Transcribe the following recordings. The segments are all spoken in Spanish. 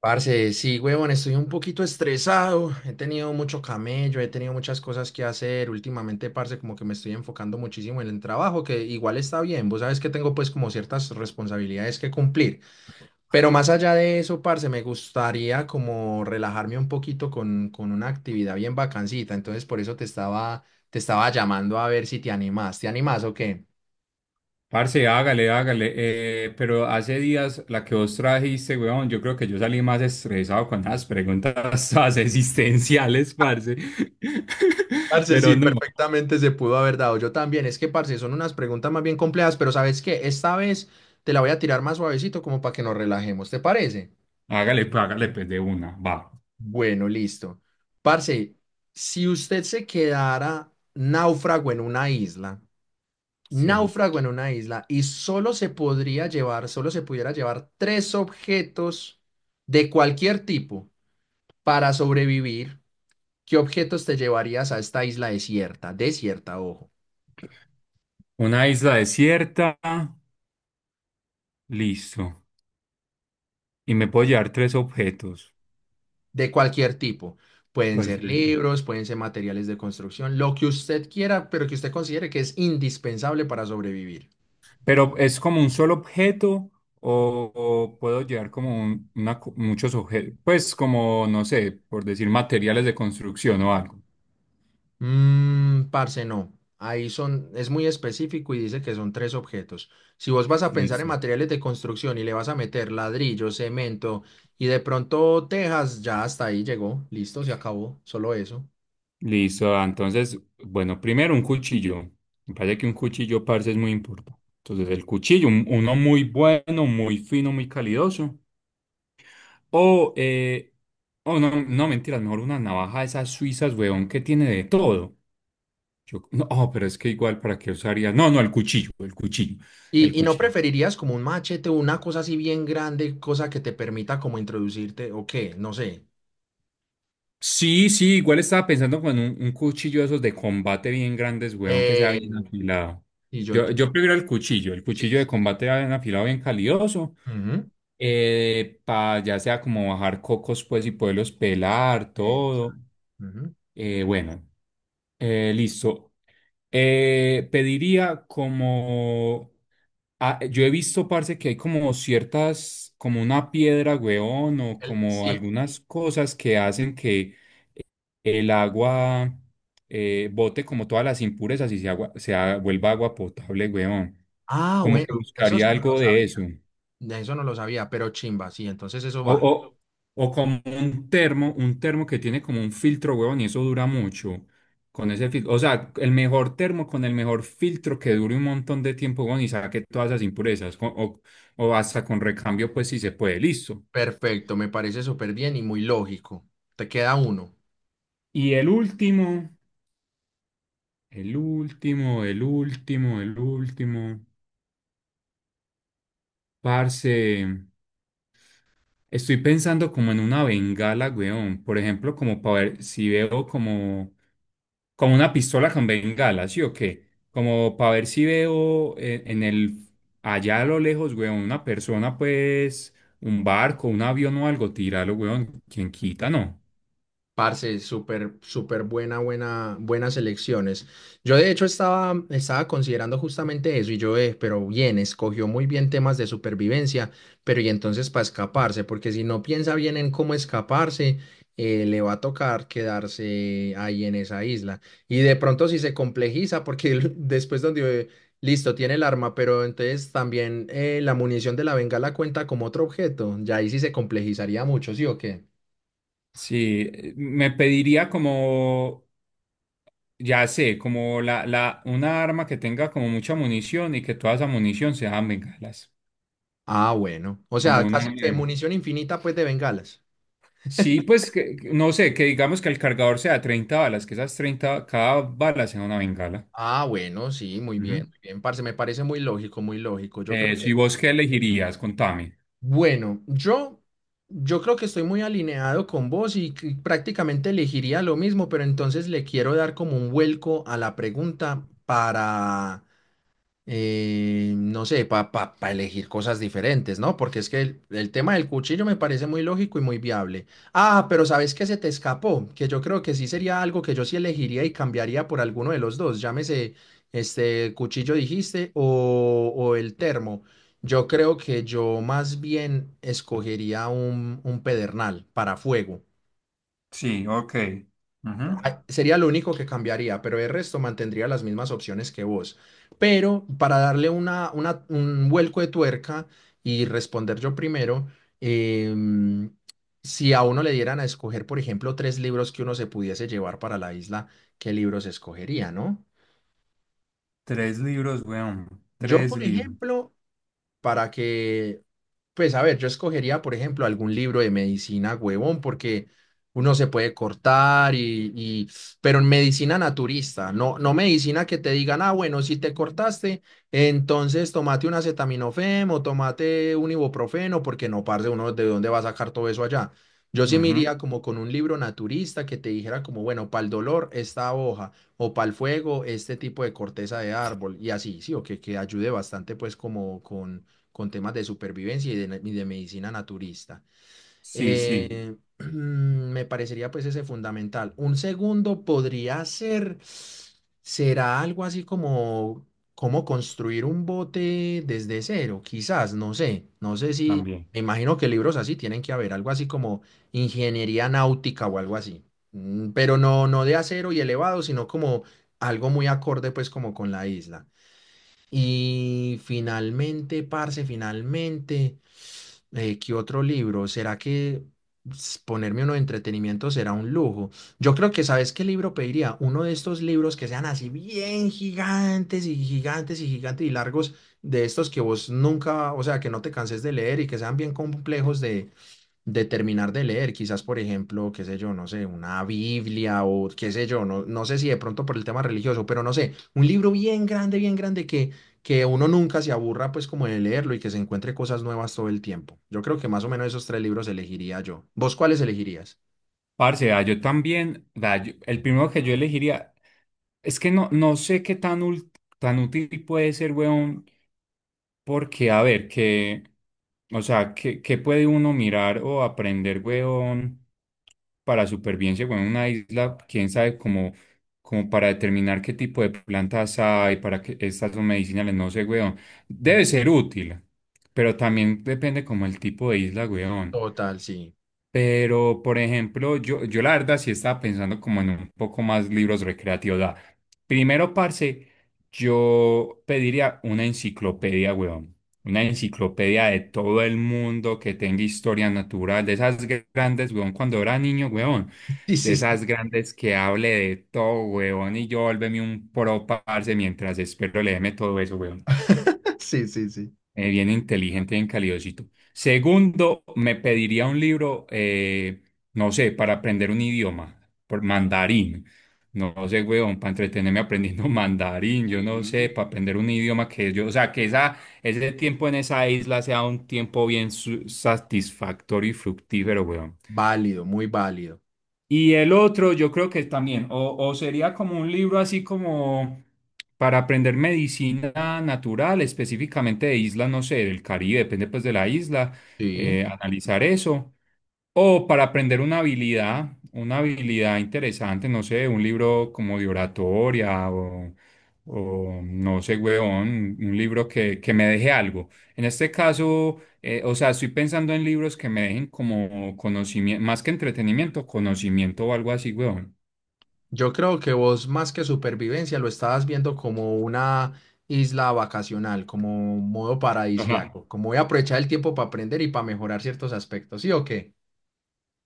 Parce, sí, huevón, estoy un poquito estresado. He tenido mucho camello, he tenido muchas cosas que hacer. Últimamente, parce, como que me estoy enfocando muchísimo en el trabajo, que igual está bien. Vos sabes que tengo pues como ciertas responsabilidades que cumplir. Pero más allá de eso, parce, me gustaría como relajarme un poquito con una actividad bien bacancita. Entonces, por eso te estaba llamando a ver si te animás. ¿Te animás o qué? Parce, hágale, hágale. Pero hace días la que vos trajiste, weón, yo creo que yo salí más estresado con las preguntas todas existenciales, parce. Parce, Pero sí, no, perfectamente se pudo haber dado. Yo también. Es que, parce, son unas preguntas más bien complejas, pero ¿sabes qué? Esta vez te la voy a tirar más suavecito como para que nos relajemos. ¿Te parece? Hágale, pues de una, va. Bueno, listo. Parce, si usted se quedara náufrago en una isla, Sí. náufrago en una isla, y solo se pudiera llevar tres objetos de cualquier tipo para sobrevivir, ¿qué objetos te llevarías a esta isla desierta? Desierta, ojo. Una isla desierta, listo. Y me puedo llevar tres objetos. De cualquier tipo. Pueden ser Cualquier- libros, pueden ser materiales de construcción, lo que usted quiera, pero que usted considere que es indispensable para sobrevivir. Pero es como un solo objeto o puedo llevar como muchos objetos, pues como, no sé, por decir materiales de construcción o algo. Parce, no. Es muy específico y dice que son tres objetos. Si vos vas a pensar en Listo. materiales de construcción y le vas a meter ladrillo, cemento y de pronto tejas, ya hasta ahí llegó, listo, se acabó, solo eso. Listo, ah, entonces, bueno, primero un cuchillo. Me parece que un cuchillo, parce, es muy importante. Entonces, el cuchillo, uno muy bueno, muy fino, muy calidoso. O, eh, oh, no, no, mentiras, mejor una navaja de esas suizas, weón, que tiene de todo. No, oh, pero es que igual, ¿para qué usaría? No, no, el cuchillo, el cuchillo, el ¿Y no cuchillo. preferirías como un machete o una cosa así bien grande, cosa que te permita como introducirte o qué? No sé. Sí, sí, igual estaba pensando con un cuchillo de esos de combate bien grandes, weón, que sea Eh, bien afilado. Y yo, Yo, yo- yo prefiero el sí, cuchillo de sí. combate bien afilado, bien calidoso. Ujú. Pa ya sea como bajar cocos pues y poderlos pelar, Eh, todo. ujú. Bueno, listo. Pediría como yo he visto, parce, que hay como ciertas, como una piedra, weón, o como Sí. algunas cosas que hacen que el agua bote como todas las impurezas y se, agua, se ha- vuelva agua potable, weón. Ah, Como que bueno, eso buscaría sí no lo algo de eso. sabía. De eso no lo sabía, pero chimba, sí, entonces eso O, va. o, o como un termo que tiene como un filtro, huevón, y eso dura mucho. Con ese filtro, o sea, el mejor termo con el mejor filtro que dure un montón de tiempo, huevón, y saque todas esas impurezas. O hasta con recambio, pues si se puede, listo. Perfecto, me parece súper bien y muy lógico. Te queda uno. Y el último, el último, el último, el último, parce. Estoy pensando como en una bengala, weón. Por ejemplo, como para ver si veo como una pistola con bengala, ¿sí o qué? Como para ver si veo allá a lo lejos, weón, una persona, pues, un barco, un avión o algo, tíralo, weón. ¿Quién quita, no? Parce, súper buena, buena, buenas elecciones. Yo de hecho estaba considerando justamente eso y yo, pero bien, escogió muy bien temas de supervivencia, pero y entonces para escaparse, porque si no piensa bien en cómo escaparse, le va a tocar quedarse ahí en esa isla. Y de pronto si se complejiza, porque listo, tiene el arma, pero entonces también la munición de la bengala cuenta como otro objeto, ya ahí sí se complejizaría mucho, ¿sí o qué? Sí, me pediría como, ya sé, como una arma que tenga como mucha munición y que toda esa munición sea bengalas. Ah, bueno. O Como sea, casi una. que munición infinita, pues, de bengalas. Sí, pues no sé, que digamos que el cargador sea 30 balas, que esas 30 cada bala sea una bengala. Ah, bueno, sí, Ujú. Muy bien, parce. Me parece muy lógico, muy lógico. Si vos qué elegirías, contame. bueno, yo, yo creo que estoy muy alineado con vos que prácticamente elegiría lo mismo, pero entonces le quiero dar como un vuelco a la pregunta para no sé, para elegir cosas diferentes, ¿no? Porque es que el tema del cuchillo me parece muy lógico y muy viable. Ah, pero ¿sabes qué se te escapó? Que yo creo que sí sería algo que yo sí elegiría y cambiaría por alguno de los dos, llámese este cuchillo dijiste o el termo. Yo creo que yo más bien escogería un pedernal para fuego. Sí, ok. Ujú. Ah, sería lo único que cambiaría, pero el resto mantendría las mismas opciones que vos. Pero para darle un vuelco de tuerca y responder yo primero, em, si a uno le dieran a escoger, por ejemplo, tres libros que uno se pudiese llevar para la isla, ¿qué libros escogería, no? Tres libros, weón. Yo, Tres por libros. ejemplo, para que, pues a ver, yo escogería, por ejemplo, algún libro de medicina, huevón, porque uno se puede cortar pero en medicina naturista, no, no medicina que te digan, ah, bueno, si te cortaste, entonces tomate un acetaminofén o tomate un ibuprofeno, porque no, parce, uno de dónde va a sacar todo eso allá. Yo sí me Ujú. iría como con un libro naturista que te dijera como, bueno, para el dolor esta hoja o para el fuego este tipo de corteza de árbol y así, sí, que ayude bastante pues como con temas de supervivencia y de medicina naturista. Sí, sí, Eh, me parecería pues ese fundamental. Un segundo podría ser, será algo así como cómo construir un bote desde cero, quizás, no sé, no sé si, también. me imagino que libros así tienen que haber, algo así como ingeniería náutica o algo así. Pero no, no de acero y elevado, sino como algo muy acorde pues como con la isla. Y finalmente, parce, finalmente ¿qué otro libro? ¿Será que ponerme uno de entretenimiento será un lujo? Yo creo que, ¿sabes qué libro pediría? Uno de estos libros que sean así bien gigantes y gigantes y gigantes y largos, de estos que vos nunca, o sea, que no te canses de leer y que sean bien complejos de terminar de leer, quizás por ejemplo, qué sé yo, no sé, una Biblia o qué sé yo, no, no sé si de pronto por el tema religioso, pero no sé, un libro bien grande que uno nunca se aburra pues como de leerlo y que se encuentre cosas nuevas todo el tiempo. Yo creo que más o menos esos tres libros elegiría yo. ¿Vos cuáles elegirías? Parce, ah, yo también, el primero que yo elegiría, es que no, no sé qué tan útil puede ser, weón. Porque, a ver, que, o sea, ¿qué puede uno mirar o aprender, weón, para supervivencia, weón, en una isla? Quién sabe, como para determinar qué tipo de plantas hay, para que estas son medicinales, no sé, weón. Mm, Debe ser útil, pero también depende como el tipo de isla, weón. Total, sí. Pero, por ejemplo, yo la verdad sí estaba pensando como en un poco más libros recreativos. O sea, primero, parce, yo pediría una enciclopedia, weón. Una enciclopedia de todo el mundo que tenga historia natural, de esas grandes, weón, cuando era niño, weón. Sí, De sí, esas sí. grandes que hable de todo, weón. Y yo volverme un pro, parce, mientras espero leerme todo eso, weón. Sí, sí, sí. Bien inteligente, bien calidosito. Segundo, me pediría un libro, no sé, para aprender un idioma, por mandarín. No, sé, weón, para entretenerme aprendiendo mandarín, yo no sé, Sí. para aprender un idioma que o sea, que ese tiempo en esa isla sea un tiempo bien satisfactorio y fructífero, weón. Válido, muy válido. Y el otro, yo creo que también, o sería como un libro así como para aprender medicina natural, específicamente de islas, no sé, del Caribe, depende pues de la isla, Sí. Analizar eso. O para aprender una habilidad interesante, no sé, un libro como de oratoria o no sé, huevón, un libro que me deje algo. En este caso, o sea, estoy pensando en libros que me dejen como conocimiento, más que entretenimiento, conocimiento o algo así, huevón. Yo creo que vos más que supervivencia lo estabas viendo como una isla vacacional, como un modo Ajá. paradisíaco, como voy a aprovechar el tiempo para aprender y para mejorar ciertos aspectos, ¿sí o qué?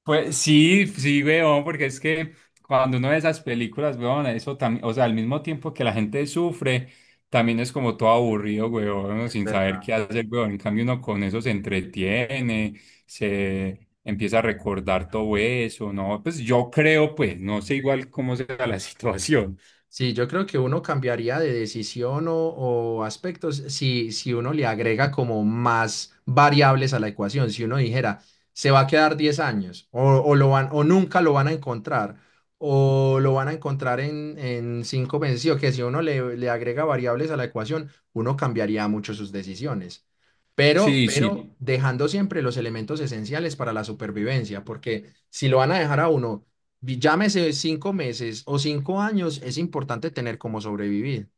Pues sí, sí, weón, porque es que cuando uno ve esas películas, weón, eso también, o sea, al mismo tiempo que la gente sufre, también es como todo aburrido, weón, uno Es sin saber verdad. qué hacer, weón. En cambio, uno con eso se entretiene, se empieza a recordar todo eso, ¿no? Pues yo creo, pues, no sé igual cómo sea la situación. Sí, yo creo que uno cambiaría de decisión o aspectos si uno le agrega como más variables a la ecuación. Si uno dijera, se va a quedar 10 años o nunca lo van a encontrar o lo van a encontrar en 5 meses, sí, o que si uno le, le agrega variables a la ecuación, uno cambiaría mucho sus decisiones Sí, sí. pero dejando siempre los elementos esenciales para la supervivencia, porque si lo van a dejar a uno, llámese 5 meses o 5 años, es importante tener cómo sobrevivir.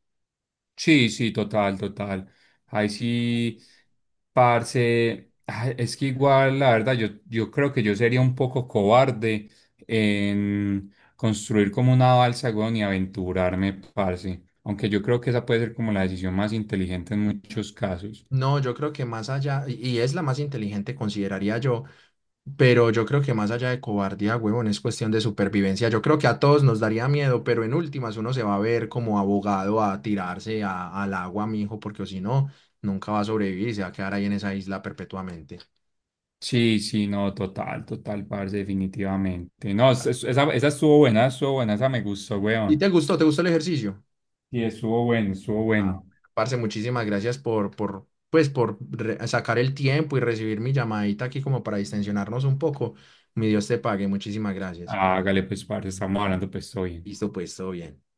Sí, sí, total, total. Ahí sí, parce, ah, es que igual, la verdad, yo creo que yo sería un poco cobarde en construir como una balsa, weón, y aventurarme, parce. Aunque yo creo que esa puede ser como la decisión más inteligente en muchos casos. No, yo creo que más allá, y es la más inteligente, consideraría yo, pero yo creo que más allá de cobardía, huevón, es cuestión de supervivencia. Yo creo que a todos nos daría miedo, pero en últimas uno se va a ver como abogado a tirarse al agua, mijo, porque si no, nunca va a sobrevivir y se va a quedar ahí en esa isla perpetuamente. Sí, sí, no, total, total, parce, definitivamente. No, esa estuvo buena, esa me gustó, ¿Y weón. te gustó? ¿Te gustó el ejercicio? Sí, estuvo bueno, estuvo bueno. Ah, parce, muchísimas gracias por sacar el tiempo y recibir mi llamadita aquí como para distensionarnos un poco. Mi Dios te pague, muchísimas gracias. Hágale, pues, parce, estamos hablando, pues, estoy Listo, pues, todo bien.